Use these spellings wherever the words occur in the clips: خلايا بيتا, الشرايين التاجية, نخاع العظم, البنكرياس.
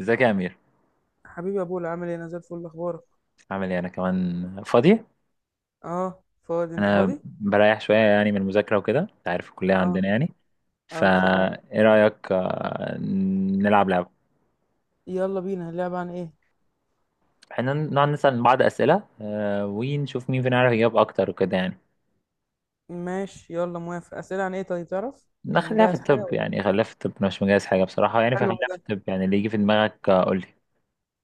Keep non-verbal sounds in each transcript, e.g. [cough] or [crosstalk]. ازيك يا امير؟ حبيبي يا بولا، عامل ايه؟ انا زي الفل، اخبارك؟ عامل ايه؟ انا كمان فاضي. اه، فاضي. انت انا فاضي؟ بريح شويه يعني من المذاكره وكده، انت عارف الكليه اه، عندنا يعني. فا اه، بصراحة. ايه رايك؟ نلعب لعبه. يلا بينا، اللعبة عن ايه؟ احنا نقعد نسال بعض اسئله، ونشوف مين فينا يعرف يجاوب اكتر وكده يعني. ماشي، يلا موافق. اسئلة عن ايه؟ طيب تعرف يعني، نخليها في مجهز حاجة الطب ولا؟ يعني، خليها في الطب، انا مش مجهز حاجه بصراحه يعني، حلو فخليها ده. في الطب يعني اللي يجي في دماغك، قول لي.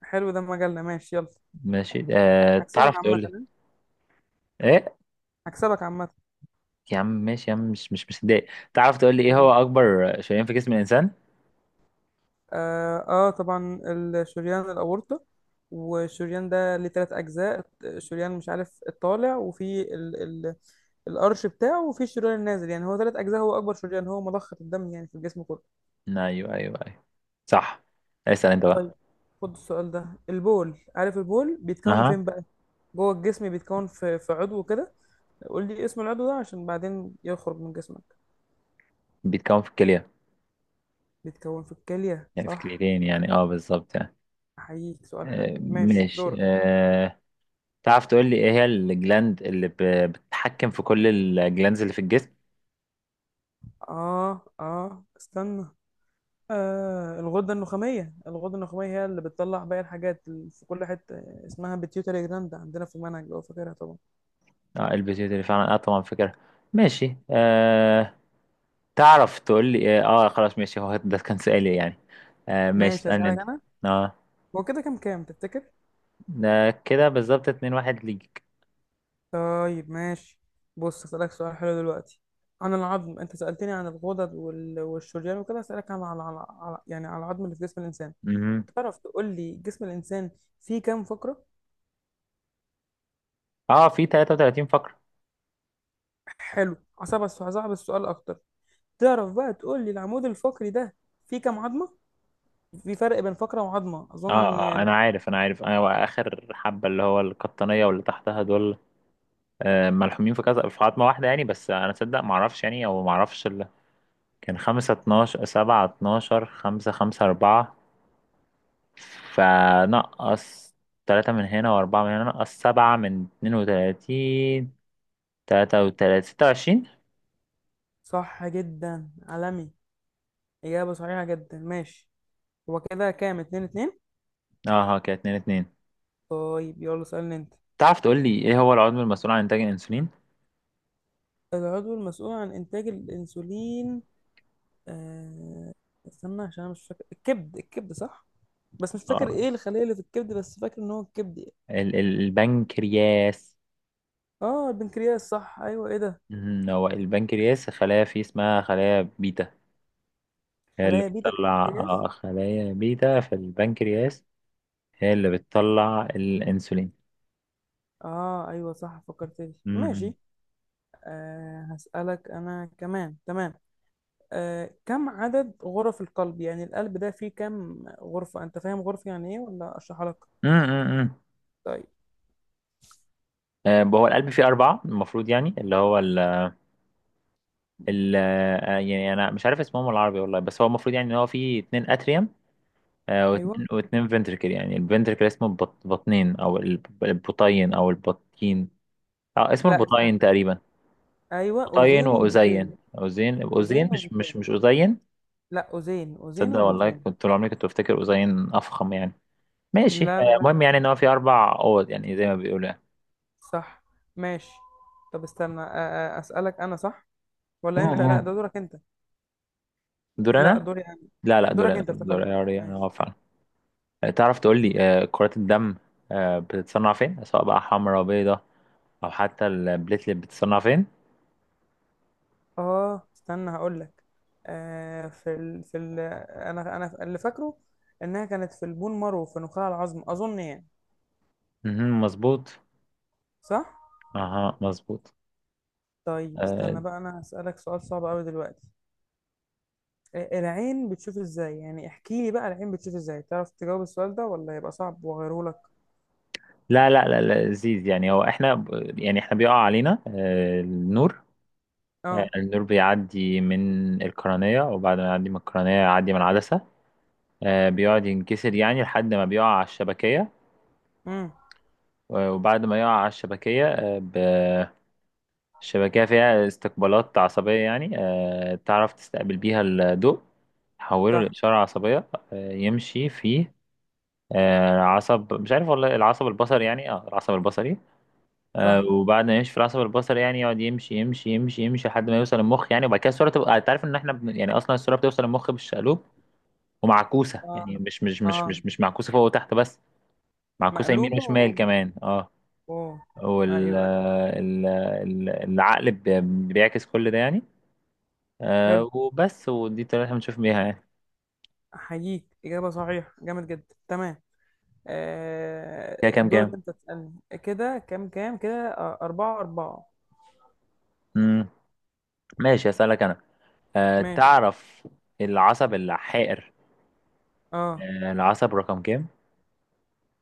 مجلة، ماشي، يلا. ماشي، هكسبك تعرف تقول عامة، لي ها؟ ايه. هكسبك عامة. يا عم ماشي يا عم، مش مصدق. تعرف تقول لي ايه مم. هو اكبر شريان في جسم الانسان؟ آه, اه طبعا الشريان الاورطة. والشريان ده ليه تلات اجزاء، الشريان مش عارف الطالع، وفي ال الارش بتاعه، وفي الشريان النازل. يعني هو تلات اجزاء، هو اكبر شريان، هو مضخة الدم يعني في الجسم كله. ايوه ايوه ايوه. صح. اسال انت بقى. طيب، خد السؤال ده. البول، عارف البول بيتكون اها. فين بقى؟ جوه الجسم، بيتكون في عضو كده. قول لي اسم العضو ده، عشان بعدين يخرج من جسمك. بيتكون في الكلية. بيتكون في الكلية، يعني في صح. كليتين يعني، اه بالظبط يعني. احييك، سؤال حلو، ماشي، ماشي. دورك. تعرف تقول لي ايه هي الجلاند اللي بتتحكم في كل الجلاندز اللي في الجسم؟ اه، اه، استنى. الغدة النخامية. هي اللي بتطلع باقي الحاجات في كل حتة. اسمها بيتيوتري جراند، عندنا في المنهج لو فاكرها طبعا. اه البيتيوتري فعلا، اه طبعا فكرة. ماشي. تعرف تقول لي ايه، خلاص ماشي، هو ده كان سؤالي يعني. ماشي، ماشي، اسألني هسألك انت. انا. اه، هو كده كام كام تفتكر؟ ده كده بالظبط اتنين واحد ليك. طيب، ماشي. بص، اسألك سؤال حلو دلوقتي، عن العظم. انت سألتني عن الغدد والشريان وكده، اسألك عن يعني على العظم اللي في جسم الانسان. مهم. تعرف تقول لي جسم الانسان فيه كام فقرة؟ اه، في 33 فقرة. حلو. هصعب السؤال اكتر. تعرف بقى تقول لي العمود الفقري ده فيه كام عظمة؟ في فرق بين فقرة وعظمة اه اظن اه، يعني. انا عارف انا عارف، انا اخر حبة اللي هو القطنية واللي تحتها دول ملحومين في كذا في عظمة واحدة يعني، بس أنا تصدق معرفش يعني، أو معرفش ال كان خمسة اتناشر سبعة اتناشر خمسة خمسة أربعة، فنقص تلاتة من هنا وأربعة من هنا، نقص سبعة من اتنين وتلاتين، تلاتة وتلاتين، ستة وعشرين. صح جدا، عالمي. اجابة صحيحة جدا، ماشي. هو كده كام، اتنين اتنين. اه ها كده اتنين اتنين. طيب، يلا سألني انت. تعرف تقول لي ايه هو العضو المسؤول عن إنتاج الأنسولين؟ العضو المسؤول عن انتاج الانسولين. آه، استنى، عشان انا مش فاكر، الكبد، صح. بس مش فاكر غلط. ايه الخلايا اللي في الكبد، بس فاكر ان هو الكبد يعني. البنكرياس. اه، البنكرياس، صح. ايوه، ايه ده؟ هو البنكرياس خلايا فيه اسمها خلايا بيتا، هي اللي خلايا بيتا في بتطلع البنكرياس. خلايا بيتا في البنكرياس، هي اللي بتطلع الانسولين. اه، ايوه، صح، فكرت لي، مهم. ماشي. هسألك انا كمان، تمام. كم عدد غرف القلب؟ يعني القلب ده فيه كم غرفة؟ انت فاهم غرفة يعني ايه ولا اشرحها لك؟ مم، مم، مم. طيب. هو القلب فيه أربعة المفروض يعني، اللي هو ال ال آه، يعني أنا مش عارف اسمهم العربي والله، بس هو المفروض يعني إن هو فيه اتنين أتريوم، آه، ايوه. واتنين واتنين فنتركل، يعني الفنتركل اسمه بطنين أو البطين. أه اسمه لا، استنى. البطين تقريبا. ايوه، بطين اوزين وبطين. وأذين أذين أذين، اوزين مش مش وبطين. مش أذين. لا، اوزين، اوزين تصدق والله وبطين. كنت طول عمري كنت بفتكر أذين أفخم يعني. ماشي. لا لا، لا. المهم يعني إن هو فيه أربع أوض يعني زي ما بيقولوا يعني. صح. ماشي. طب استنى، أسألك أنا، صح ولا أنت؟ لا، ده مم. دورك أنت. دور لا، انا. دوري يعني. لا لا، دور دورك انا أنت، دور افتكرت. انا already، انا ماشي. واقف فعلا. تعرف تقول لي، كرات الدم بتتصنع فين؟ سواء بقى حمراء بيضاء او حتى البليتلت بتتصنع فين؟ استنى هقول لك. في ال. أنا اللي فاكره، إنها كانت في البون مارو، في نخاع العظم أظن يعني. مهم، مظبوط. صح. اها مظبوط. طيب آه، استنى بقى، أنا هسألك سؤال صعب أوي دلوقتي. العين بتشوف إزاي؟ يعني احكي لي بقى، العين بتشوف إزاي؟ تعرف تجاوب السؤال ده ولا يبقى صعب وأغيره لك؟ لا لا لا لا، لذيذ يعني. هو احنا يعني احنا بيقع علينا النور. آه. النور بيعدي من القرنية، وبعد ما يعدي من القرنية يعدي من العدسة، بيقعد ينكسر يعني لحد ما بيقع على الشبكية. امم. وبعد ما يقع على الشبكية الشبكية فيها استقبالات عصبية يعني، تعرف تستقبل بيها الضوء، تحوله صح. لإشارة عصبية. يمشي فيه عصب، مش عارف والله، العصب البصري يعني، العصب البصري. صح. وبعد ما يمشي في العصب البصري يعني يقعد يمشي يمشي يمشي يمشي لحد ما يوصل المخ يعني. وبعد كده الصورة تبقى، انت عارف ان احنا يعني اصلا الصورة بتوصل المخ بالشقلوب ومعكوسة آه. يعني، مش مش مش آه. مش مش معكوسة فوق وتحت بس، معكوسة يمين مقلوبة وشمال كمان، اه. أوه. وال أيوة. آه، ال- ال- العقل بيعكس كل ده يعني. حلو، وبس، ودي الطريقة اللي احنا بنشوف بيها يعني. أحييك، إجابة صحيحة جامد جدا، تمام. كده كام دورك كام؟ أنت تسألني، كده كام كام كده، أربعة أربعة. مم. ماشي، اسألك انا. ماشي. تعرف العصب الحائر أه. العصب رقم كام؟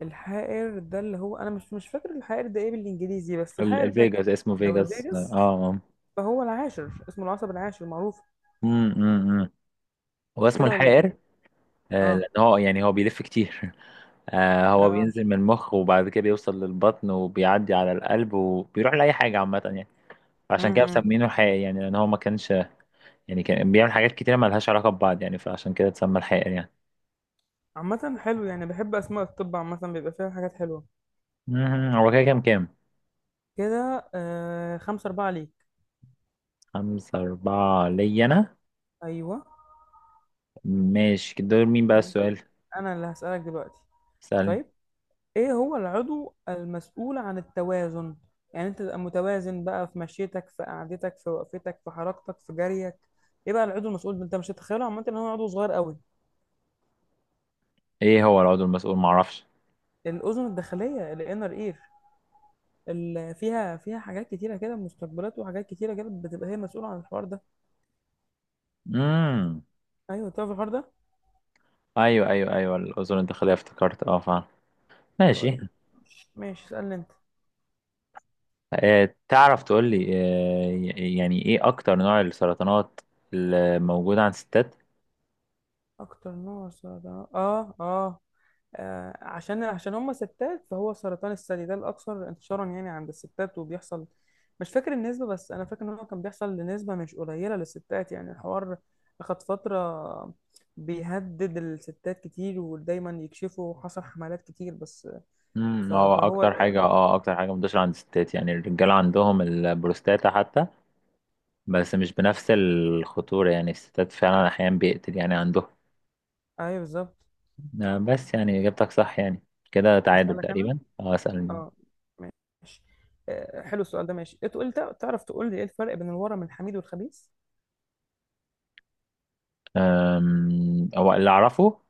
الحائر ده اللي هو، أنا مش فاكر الحائر ده إيه بالإنجليزي، بس الحائر ده، الفيجاس، اسمه لو فيجاس، اه الفيجاس، اه. فهو العاشر، اسمه العصب العاشر معروف. مم، مم، مم. هو مش اسمه كده ولا الحائر إيه؟ لان أه. هو يعني، هو بيلف كتير [laughs] هو أه. بينزل من المخ، وبعد كده بيوصل للبطن، وبيعدي على القلب، وبيروح لأي حاجة عامة يعني. عشان كده امم. مسمينه الحائر يعني، لان هو ما كانش يعني كان بيعمل حاجات كتيرة مالهاش علاقة ببعض يعني، فعشان كده اتسمى الحائر يعني. عامة حلو يعني، بحب أسماء الطب عامة، بيبقى فيها حاجات حلوة. هو كده كام كام؟ كده خمسة أربعة ليك. خمسة أربعة ليا أنا. أيوه. ماشي، دور مين بقى السؤال؟ انا اللي هسألك دلوقتي. سألني. طيب، ايه هو العضو المسؤول عن التوازن؟ يعني انت تبقى متوازن بقى، في مشيتك، في قعدتك، في وقفتك، في حركتك، في جريك. ايه بقى العضو المسؤول ده؟ انت مش هتتخيله عامه ان هو عضو صغير قوي. إيه هو العضو المسؤول؟ معرفش. الاذن الداخليه، الانر اير، اللي فيها حاجات كتيره كده، مستقبلات وحاجات كتيره كده، بتبقى هي مسؤوله عن الحوار ده. مم. ايوه، تعرف الحوار ده. أيوه أيوه أيوه، الأذن الداخلية، افتكرت أه فعلا. ماشي. طيب، ماشي، اسألني انت. تعرف تقول لي، يعني إيه أكتر نوع السرطانات اللي موجودة عند الستات؟ اكتر نوع سرطان، عشان هم ستات، فهو سرطان الثدي، ده الأكثر انتشارا يعني عند الستات، وبيحصل. مش فاكر النسبة، بس أنا فاكر إن هو كان بيحصل لنسبة مش قليلة للستات، يعني الحوار أخد فترة. بيهدد الستات كتير، ودايما يكشفوا، حصل حملات كتير بس. ف- هو فهو أكتر حاجة، هو- منتشرة عند الستات يعني. الرجالة عندهم البروستاتا حتى، بس مش بنفس الخطورة يعني، الستات فعلا أحيانا بيقتل يعني عندهم. أيوه، بالظبط. نعم، بس يعني إجابتك صح يعني. كده تعادل أسألك أنا؟ تقريبا، اه اسأل. أه. ماشي. حلو السؤال ده، ماشي، تعرف تقول لي إيه الفرق بين الورم الحميد والخبيث؟ هو اللي أعرفه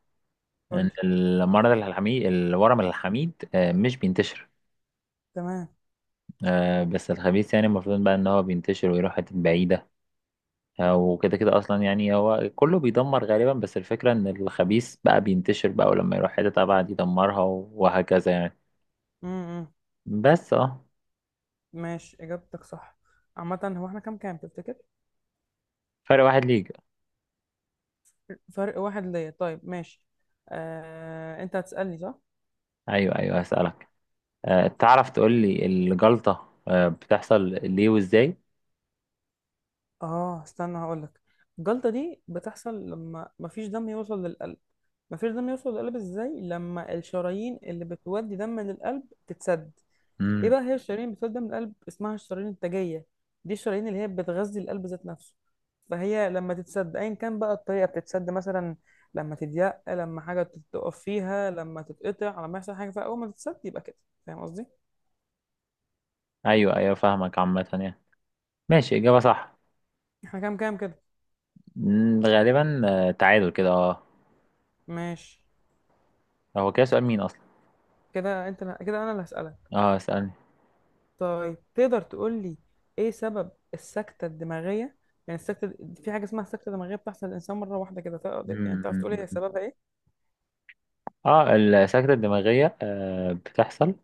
قول إن لي. المرض الحميد الورم الحميد مش بينتشر، تمام. بس الخبيث يعني المفروض بقى إن هو بينتشر ويروح حتت بعيدة، وكده كده أصلا يعني هو كله بيدمر غالبا، بس الفكرة إن الخبيث بقى بينتشر بقى، ولما يروح حتة أبعد يدمرها وهكذا يعني، إمم، إمم. بس اه. ماشي، إجابتك صح. عامة هو احنا كام كام تفتكر؟ فرق واحد ليك. فرق واحد ليا، طيب، ماشي. انت هتسألني صح؟ أيوه أيوه هسألك. تعرف تقول لي الجلطة بتحصل ليه وإزاي؟ اه، استنى هقولك. الجلطة دي بتحصل لما مفيش دم يوصل للقلب. مفيش دم يوصل للقلب ازاي؟ لما الشرايين اللي بتودي دم للقلب تتسد. ايه مم. بقى هي الشرايين بتولد دم القلب؟ اسمها الشرايين التاجيه، دي الشرايين اللي هي بتغذي القلب ذات نفسه. فهي لما تتسد، ايا كان بقى الطريقه بتتسد، مثلا لما تضيق، لما حاجه تقف فيها، لما تتقطع، لما يحصل حاجه، فاول ما تتسد يبقى كده. فاهم قصدي. ايوه ايوه فاهمك عامة يعني. ماشي، اجابة صح. احنا كام كام كده؟ غالبا تعادل كده اه. ماشي. هو كده سؤال مين اصلا؟ كده انت، كده انا اللي هسالك. اه اسألني. طيب تقدر تقول لي، ايه سبب السكته الدماغيه؟ يعني السكته، في حاجه اسمها سكته دماغيه بتحصل للانسان مره واحده كده، تقدر يعني مم. تعرف تقول ايه سببها، ايه؟ اه السكتة الدماغية بتحصل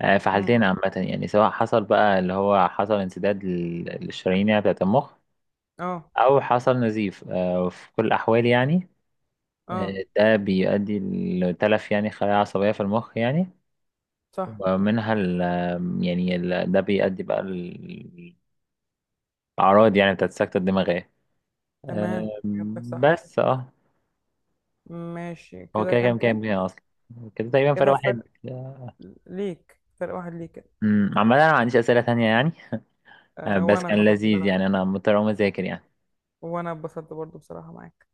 في امم. حالتين عامة يعني، سواء حصل بقى اللي هو حصل انسداد للشرايين يعني بتاعة المخ، اه. أو حصل نزيف، وفي كل الأحوال يعني اه. ده بيؤدي لتلف يعني خلايا عصبية في المخ يعني. صح. ومنها ال يعني ده بيؤدي بقى الأعراض يعني بتاعة السكتة الدماغية. تمام، إجابتك صح. بس اه. ماشي، هو كده كده كام كام كام كام كده اصلا؟ كده تقريبا فرق كده؟ واحد. ليك، فرق واحد ليك كده. عامة انا ما عنديش اسئلة تانية يعني. أه، أه، بس وأنا كان خلاص لذيذ بصراحة. يعني، انا مضطر اقوم اذاكر يعني. وأنا اتبسطت برضو بصراحة معاك.